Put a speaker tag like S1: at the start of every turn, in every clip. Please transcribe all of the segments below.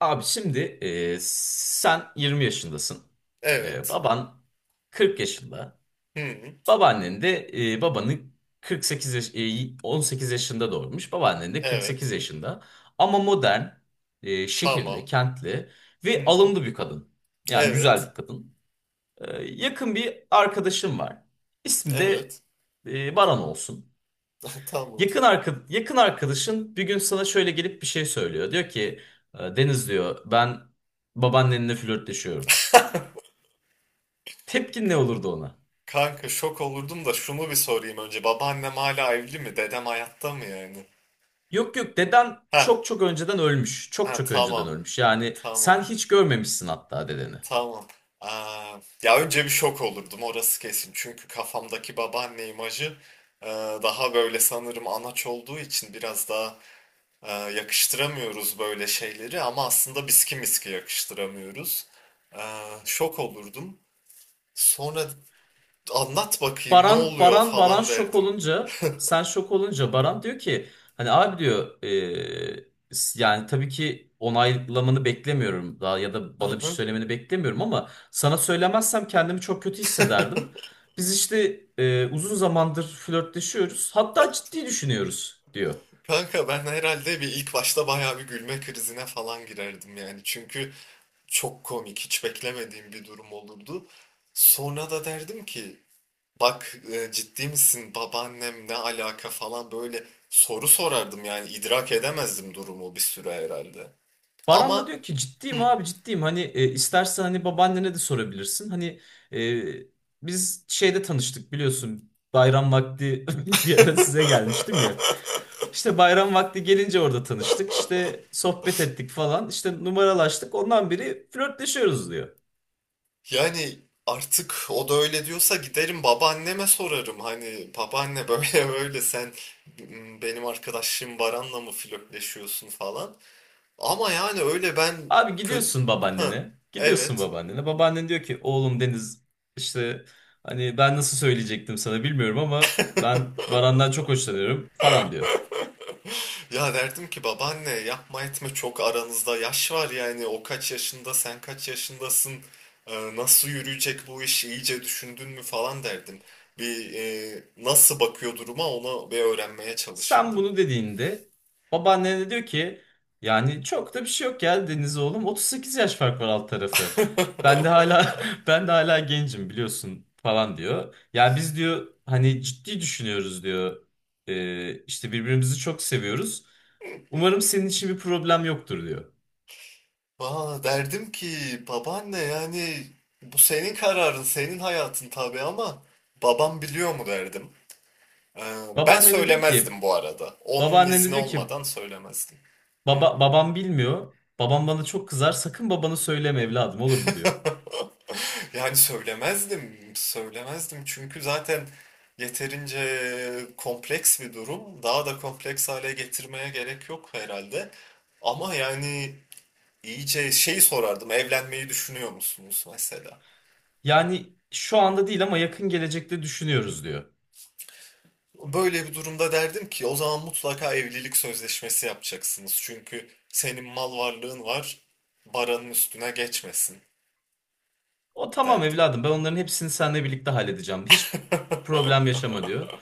S1: Abi şimdi sen 20 yaşındasın. E,
S2: Evet.
S1: baban 40 yaşında.
S2: Hı.
S1: Babaannen de babanı 18 yaşında doğurmuş. Babaannen de 48
S2: Evet.
S1: yaşında. Ama modern, şehirli,
S2: Tamam.
S1: kentli ve
S2: Hı.
S1: alımlı bir kadın. Yani güzel
S2: Evet.
S1: bir kadın. Yakın bir arkadaşım var. İsmi de
S2: Evet.
S1: Baran olsun.
S2: Tamam.
S1: Yakın arkadaşın bir gün sana şöyle gelip bir şey söylüyor. Diyor ki Deniz diyor ben babaannenle flörtleşiyorum." Tepkin ne olurdu ona?
S2: Kanka şok olurdum da şunu bir sorayım önce. Babaannem hala evli mi? Dedem hayatta mı yani?
S1: Yok yok deden
S2: Ha,
S1: çok çok önceden ölmüş. Çok
S2: ha
S1: çok önceden
S2: tamam.
S1: ölmüş. Yani
S2: Tamam.
S1: sen hiç görmemişsin hatta dedeni.
S2: Tamam. Aa, ya önce bir şok olurdum, orası kesin. Çünkü kafamdaki babaanne imajı e, daha böyle, sanırım anaç olduğu için biraz daha. Yakıştıramıyoruz böyle şeyleri ama aslında biski miski yakıştıramıyoruz. Şok olurdum. Sonra anlat bakayım ne
S1: Baran
S2: oluyor
S1: Baran Baran
S2: falan
S1: şok
S2: derdim.
S1: olunca sen şok olunca Baran diyor ki hani abi diyor yani tabii ki onaylamanı beklemiyorum daha ya da
S2: Hı
S1: bana bir şey
S2: hı.
S1: söylemeni beklemiyorum ama sana söylemezsem kendimi çok kötü hissederdim. Biz işte uzun zamandır flörtleşiyoruz hatta ciddi düşünüyoruz diyor.
S2: Kanka ben herhalde bir ilk başta bayağı bir gülme krizine falan girerdim yani. Çünkü çok komik, hiç beklemediğim bir durum olurdu. Sonra da derdim ki bak ciddi misin, babaannem ne alaka falan, böyle soru sorardım yani, idrak edemezdim durumu bir süre herhalde.
S1: Baran da
S2: Ama.
S1: diyor ki
S2: Hı.
S1: ciddiyim abi ciddiyim hani istersen hani babaannene de sorabilirsin. Hani e, biz şeyde tanıştık biliyorsun bayram vakti bir ara size gelmiştim ya. İşte bayram vakti gelince orada tanıştık işte sohbet ettik falan işte numaralaştık ondan biri flörtleşiyoruz diyor.
S2: Yani artık o da öyle diyorsa giderim babaanneme sorarım. Hani babaanne, böyle böyle sen, benim arkadaşım Baran'la mı flörtleşiyorsun falan. Ama yani öyle ben
S1: Abi
S2: kötü...
S1: gidiyorsun
S2: Ha,
S1: babaannene gidiyorsun
S2: evet.
S1: babaannene babaannen diyor ki oğlum Deniz işte hani ben nasıl söyleyecektim sana bilmiyorum ama ben Baran'dan çok hoşlanıyorum falan diyor.
S2: Ya derdim ki babaanne yapma etme, çok aranızda yaş var yani, o kaç yaşında sen kaç yaşındasın. Nasıl yürüyecek bu iş, iyice düşündün mü falan derdim. Bir nasıl bakıyor duruma, onu bir öğrenmeye
S1: Sen
S2: çalışırdım.
S1: bunu dediğinde babaanne de diyor ki yani çok da bir şey yok ya Deniz oğlum 38 yaş fark var alt tarafı. Ben de hala ben de hala gencim biliyorsun falan diyor. Ya biz diyor hani ciddi düşünüyoruz diyor. İşte birbirimizi çok seviyoruz. Umarım senin için bir problem yoktur diyor.
S2: Valla derdim ki babaanne, yani bu senin kararın, senin hayatın tabii, ama babam biliyor mu derdim. Ee, Ben
S1: Babaannen de diyor ki
S2: söylemezdim bu arada. Onun
S1: babaannen de
S2: izni
S1: diyor ki
S2: olmadan söylemezdim. Hı.
S1: babam bilmiyor. Babam bana çok kızar. Sakın babana söyleme evladım olur mu diyor.
S2: Yani söylemezdim, söylemezdim, çünkü zaten yeterince kompleks bir durum. Daha da kompleks hale getirmeye gerek yok herhalde. Ama yani iyice şey sorardım, evlenmeyi düşünüyor musunuz mesela?
S1: Yani şu anda değil ama yakın gelecekte düşünüyoruz diyor.
S2: Böyle bir durumda derdim ki o zaman mutlaka evlilik sözleşmesi yapacaksınız. Çünkü senin mal varlığın var, baranın üstüne geçmesin
S1: O tamam
S2: derdim.
S1: evladım ben onların hepsini seninle birlikte halledeceğim. Hiç problem yaşama diyor.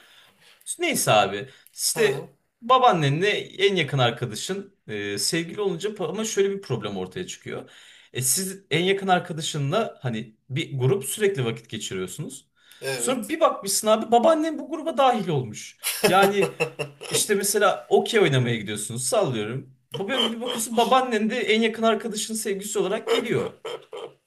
S1: Neyse abi
S2: Ha,
S1: işte babaannenle en yakın arkadaşın sevgili olunca ama şöyle bir problem ortaya çıkıyor. Siz en yakın arkadaşınla hani bir grup sürekli vakit geçiriyorsunuz. Sonra
S2: evet.
S1: bir bakmışsın abi babaannen bu gruba dahil olmuş. Yani. İşte mesela okey oynamaya gidiyorsunuz sallıyorum. Bugün bir bakıyorsun babaannen de en yakın arkadaşının sevgilisi olarak geliyor.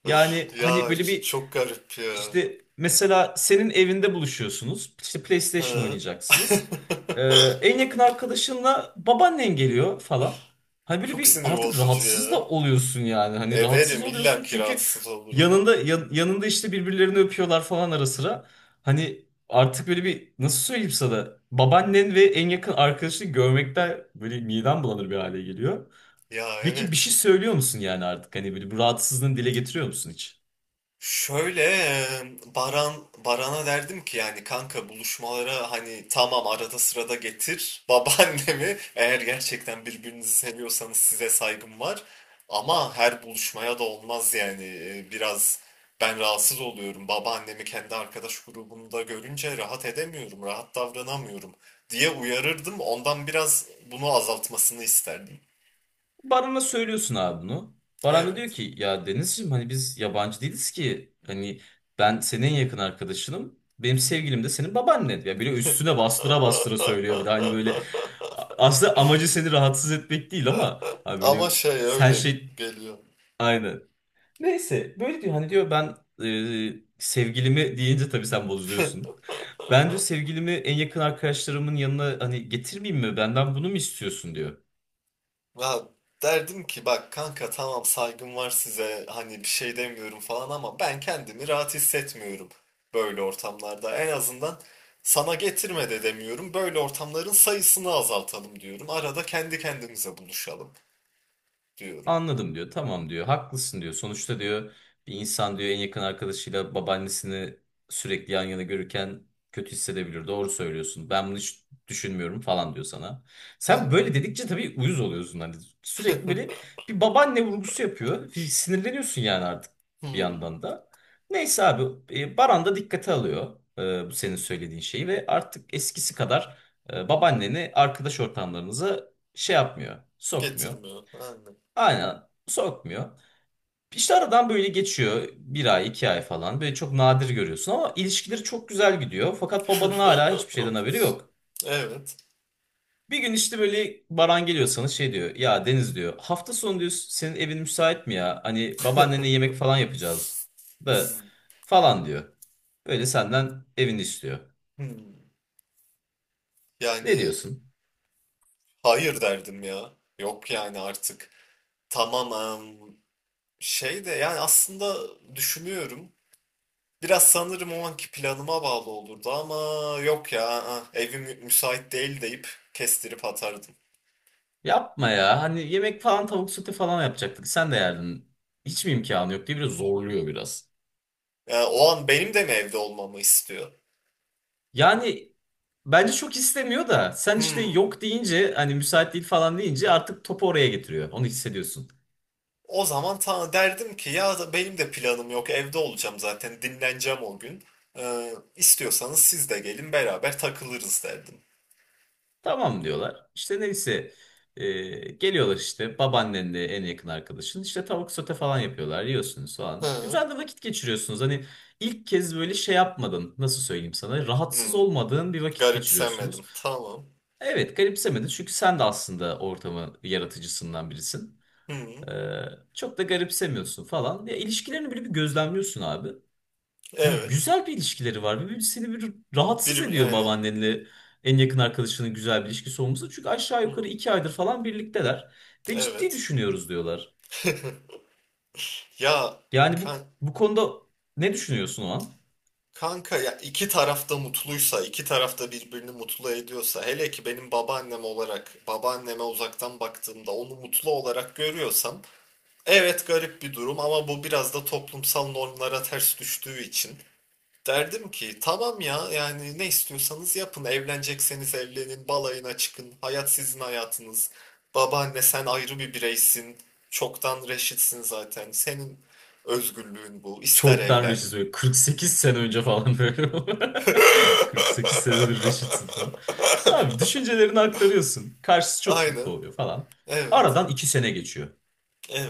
S1: Yani
S2: Ya
S1: hani böyle bir
S2: çok garip ya.
S1: işte mesela senin evinde buluşuyorsunuz. İşte PlayStation
S2: Ha.
S1: oynayacaksınız. Ee, en yakın arkadaşınla babaannen geliyor falan. Hani böyle
S2: Çok
S1: bir
S2: sinir
S1: artık
S2: bozucu
S1: rahatsız da
S2: ya.
S1: oluyorsun yani. Hani rahatsız
S2: Ederim, illa
S1: oluyorsun
S2: ki
S1: çünkü
S2: rahatsız olurum.
S1: yanında yanında işte birbirlerini öpüyorlar falan ara sıra. Hani artık böyle bir nasıl söyleyeyim sana babaannen ve en yakın arkadaşını görmekten böyle midem bulanır bir hale geliyor.
S2: Ya
S1: Peki bir
S2: evet.
S1: şey söylüyor musun yani artık? Hani böyle bu rahatsızlığını dile getiriyor musun hiç?
S2: Şöyle, Baran Baran'a derdim ki yani kanka, buluşmalara hani tamam arada sırada getir babaannemi, eğer gerçekten birbirinizi seviyorsanız size saygım var, ama her buluşmaya da olmaz yani. Biraz ben rahatsız oluyorum, babaannemi kendi arkadaş grubumda görünce rahat edemiyorum, rahat davranamıyorum diye uyarırdım, ondan biraz bunu azaltmasını isterdim.
S1: Baran'a söylüyorsun abi bunu. Baran da diyor
S2: Evet,
S1: ki ya Denizciğim hani biz yabancı değiliz ki. Hani ben senin en yakın arkadaşınım. Benim sevgilim de senin babaannen. Ya böyle üstüne bastıra bastıra söylüyor bir de hani böyle. Aslında amacı seni rahatsız etmek değil ama hani böyle
S2: ama şey
S1: sen
S2: öyle
S1: şey
S2: geliyor.
S1: aynen. Neyse böyle diyor hani diyor ben sevgilimi deyince tabii sen bozuluyorsun. Ben diyor sevgilimi en yakın arkadaşlarımın yanına hani getirmeyeyim mi? Benden bunu mu istiyorsun diyor.
S2: Ya derdim ki bak kanka, tamam saygım var size, hani bir şey demiyorum falan, ama ben kendimi rahat hissetmiyorum böyle ortamlarda. En azından sana getirme de demiyorum. Böyle ortamların sayısını azaltalım diyorum. Arada kendi kendimize buluşalım diyorum.
S1: Anladım diyor. Tamam diyor. Haklısın diyor. Sonuçta diyor bir insan diyor en yakın arkadaşıyla babaannesini sürekli yan yana görürken kötü hissedebilir. Doğru söylüyorsun. Ben bunu hiç düşünmüyorum falan diyor sana.
S2: Ha.
S1: Sen böyle dedikçe tabii uyuz oluyorsun. Hani sürekli böyle bir babaanne vurgusu yapıyor. Sinirleniyorsun yani artık bir
S2: Hmm,
S1: yandan da. Neyse abi Baran da dikkate alıyor bu senin söylediğin şeyi ve artık eskisi kadar babaanneni arkadaş ortamlarınıza şey yapmıyor, sokmuyor.
S2: getirmiyor. Aynen.
S1: Aynen sokmuyor. İşte aradan böyle geçiyor bir ay iki ay falan böyle çok nadir görüyorsun ama ilişkileri çok güzel gidiyor. Fakat babanın hala hiçbir şeyden haberi yok.
S2: Evet.
S1: Bir gün işte böyle Baran geliyor sana şey diyor ya Deniz diyor hafta sonu diyor senin evin müsait mi ya? Hani babaannenle yemek falan yapacağız da
S2: Hmm,
S1: falan diyor. Böyle senden evini istiyor.
S2: hmm.
S1: Ne
S2: Yani
S1: diyorsun?
S2: hayır derdim ya. Yok yani artık. Tamam. em, Şey de, yani aslında düşünüyorum. Biraz sanırım o anki planıma bağlı olurdu, ama yok ya, evim müsait değil deyip kestirip atardım.
S1: Yapma ya hani yemek falan tavuk sote falan yapacaktık sen de yerdin. Hiç mi imkanı yok diye biraz zorluyor biraz.
S2: Yani o an benim de mi evde olmamı istiyor?
S1: Yani bence çok istemiyor da sen işte
S2: Hmm.
S1: yok deyince hani müsait değil falan deyince artık topu oraya getiriyor. Onu hissediyorsun.
S2: O zaman ta derdim ki, ya da benim de planım yok, evde olacağım zaten, dinleneceğim o gün. İstiyorsanız siz de gelin, beraber takılırız derdim.
S1: Tamam diyorlar. İşte neyse e, geliyorlar işte babaannenle en yakın arkadaşın işte tavuk sote falan yapıyorlar yiyorsunuz falan.
S2: Hı.
S1: Güzel de vakit geçiriyorsunuz. Hani ilk kez böyle şey yapmadın nasıl söyleyeyim sana rahatsız
S2: Hmm.
S1: olmadığın bir vakit
S2: Garipsemedim.
S1: geçiriyorsunuz.
S2: Tamam.
S1: Evet garipsemedin çünkü sen de aslında ortamı yaratıcısından birisin.
S2: Hmm.
S1: Ee, çok da garipsemiyorsun falan. Ya ilişkilerini böyle bir gözlemliyorsun abi. Yani
S2: Evet.
S1: güzel bir ilişkileri var. Ve seni bir rahatsız
S2: Bir
S1: ediyor
S2: yani,
S1: babaannenle en yakın arkadaşının güzel bir ilişkisi olması. Çünkü aşağı yukarı
S2: hmm.
S1: 2 aydır falan birlikteler. Ve ciddi
S2: Evet.
S1: düşünüyoruz diyorlar.
S2: Ya
S1: Yani bu,
S2: kan-
S1: bu konuda ne düşünüyorsun o an?
S2: kanka, ya iki tarafta mutluysa, iki tarafta birbirini mutlu ediyorsa, hele ki benim babaannem olarak, babaanneme uzaktan baktığımda onu mutlu olarak görüyorsam, evet garip bir durum, ama bu biraz da toplumsal normlara ters düştüğü için. Derdim ki tamam ya, yani ne istiyorsanız yapın, evlenecekseniz evlenin, balayına çıkın, hayat sizin hayatınız. Babaanne sen ayrı bir bireysin, çoktan reşitsin zaten, senin özgürlüğün bu, ister
S1: Çoktan
S2: evlen.
S1: reşit böyle 48 sene önce falan böyle. 48 senedir reşitsin falan. Abi düşüncelerini aktarıyorsun. Karşısı çok
S2: Aynen.
S1: mutlu oluyor falan.
S2: Evet.
S1: Aradan 2 sene geçiyor.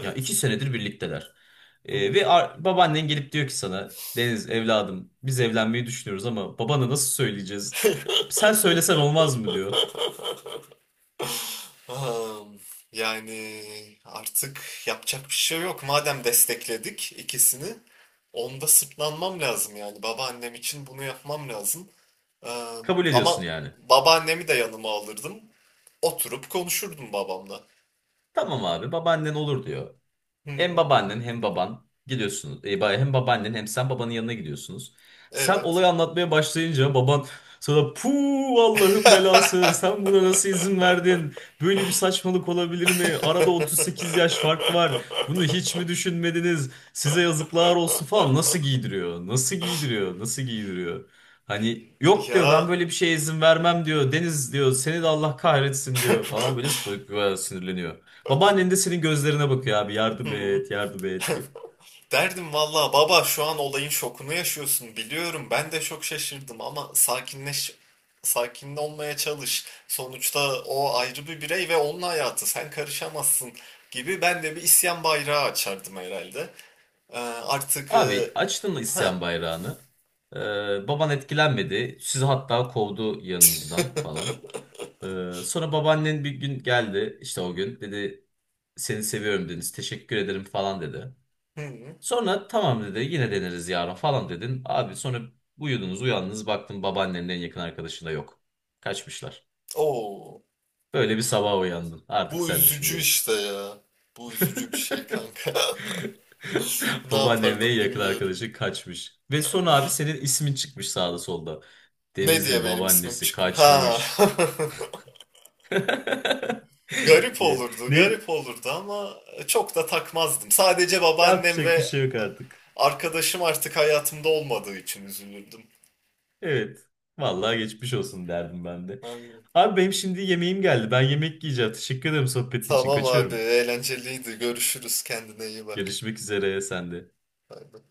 S1: Ya 2 senedir birlikteler. Ve
S2: Hmm.
S1: babaannen gelip diyor ki sana Deniz evladım biz evlenmeyi düşünüyoruz ama babana nasıl söyleyeceğiz? Sen söylesen olmaz mı diyor.
S2: Am, Yani artık yapacak bir şey yok. Madem destekledik ikisini, onda sırtlanmam lazım yani. Babaannem için bunu yapmam lazım.
S1: Kabul ediyorsun
S2: Ama
S1: yani.
S2: babaannemi de yanıma alırdım. Oturup konuşurdum babamla.
S1: Tamam abi babaannen olur diyor. Hem
S2: Hmm,
S1: babaannen hem baban gidiyorsunuz. Hem babaannen hem sen babanın yanına gidiyorsunuz. Sen
S2: evet.
S1: olayı anlatmaya başlayınca baban sana puh Allah'ın belası sen buna nasıl izin verdin? Böyle bir saçmalık olabilir mi? Arada 38 yaş fark var. Bunu hiç mi düşünmediniz? Size yazıklar olsun falan. Nasıl giydiriyor? Nasıl giydiriyor? Nasıl giydiriyor? Hani yok diyor ben
S2: Ya.
S1: böyle bir şeye izin vermem diyor. Deniz diyor seni de Allah kahretsin diyor falan böyle böyle sinirleniyor. Babaannen de senin gözlerine bakıyor abi yardım
S2: Hmm.
S1: et yardım et diye.
S2: Derdim valla baba, şu an olayın şokunu yaşıyorsun biliyorum, ben de çok şaşırdım, ama sakinleş, sakin olmaya çalış. Sonuçta o ayrı bir birey ve onun hayatı, sen karışamazsın gibi ben de bir isyan bayrağı açardım herhalde. Ee, Artık
S1: Abi açtın mı
S2: ha,
S1: isyan bayrağını. Baban etkilenmedi. Sizi hatta kovdu yanınızdan falan. Sonra babaannen bir gün geldi işte o gün dedi seni seviyorum Deniz teşekkür ederim falan dedi.
S2: hı,
S1: Sonra tamam dedi yine deneriz yarın falan dedin. Abi sonra uyudunuz uyandınız baktın babaannenin en yakın arkadaşında yok. Kaçmışlar.
S2: oo,
S1: Böyle bir sabah uyandın artık
S2: bu
S1: sen düşün
S2: üzücü
S1: gerisini.
S2: işte ya. Bu üzücü bir şey kanka. Ne
S1: Babaannem ve
S2: yapardım
S1: yakın
S2: bilmiyorum.
S1: arkadaşı kaçmış. Ve sonra abi senin ismin çıkmış sağda solda.
S2: Ne diye
S1: Deniz'in
S2: benim ismim
S1: babaannesi
S2: çıkmış? Ha.
S1: kaçmış.
S2: Garip
S1: diye.
S2: olurdu,
S1: Ne
S2: garip olurdu ama çok da takmazdım. Sadece babaannem
S1: yapacak bir
S2: ve
S1: şey yok artık.
S2: arkadaşım artık hayatımda olmadığı için üzülürdüm.
S1: Evet. Vallahi geçmiş olsun derdim ben de.
S2: Aynen.
S1: Abi benim şimdi yemeğim geldi. Ben yemek yiyeceğim. Teşekkür ederim sohbetin için.
S2: Tamam abi,
S1: Kaçıyorum.
S2: eğlenceliydi. Görüşürüz. Kendine iyi bak.
S1: Görüşmek üzere sen de.
S2: Bay bay.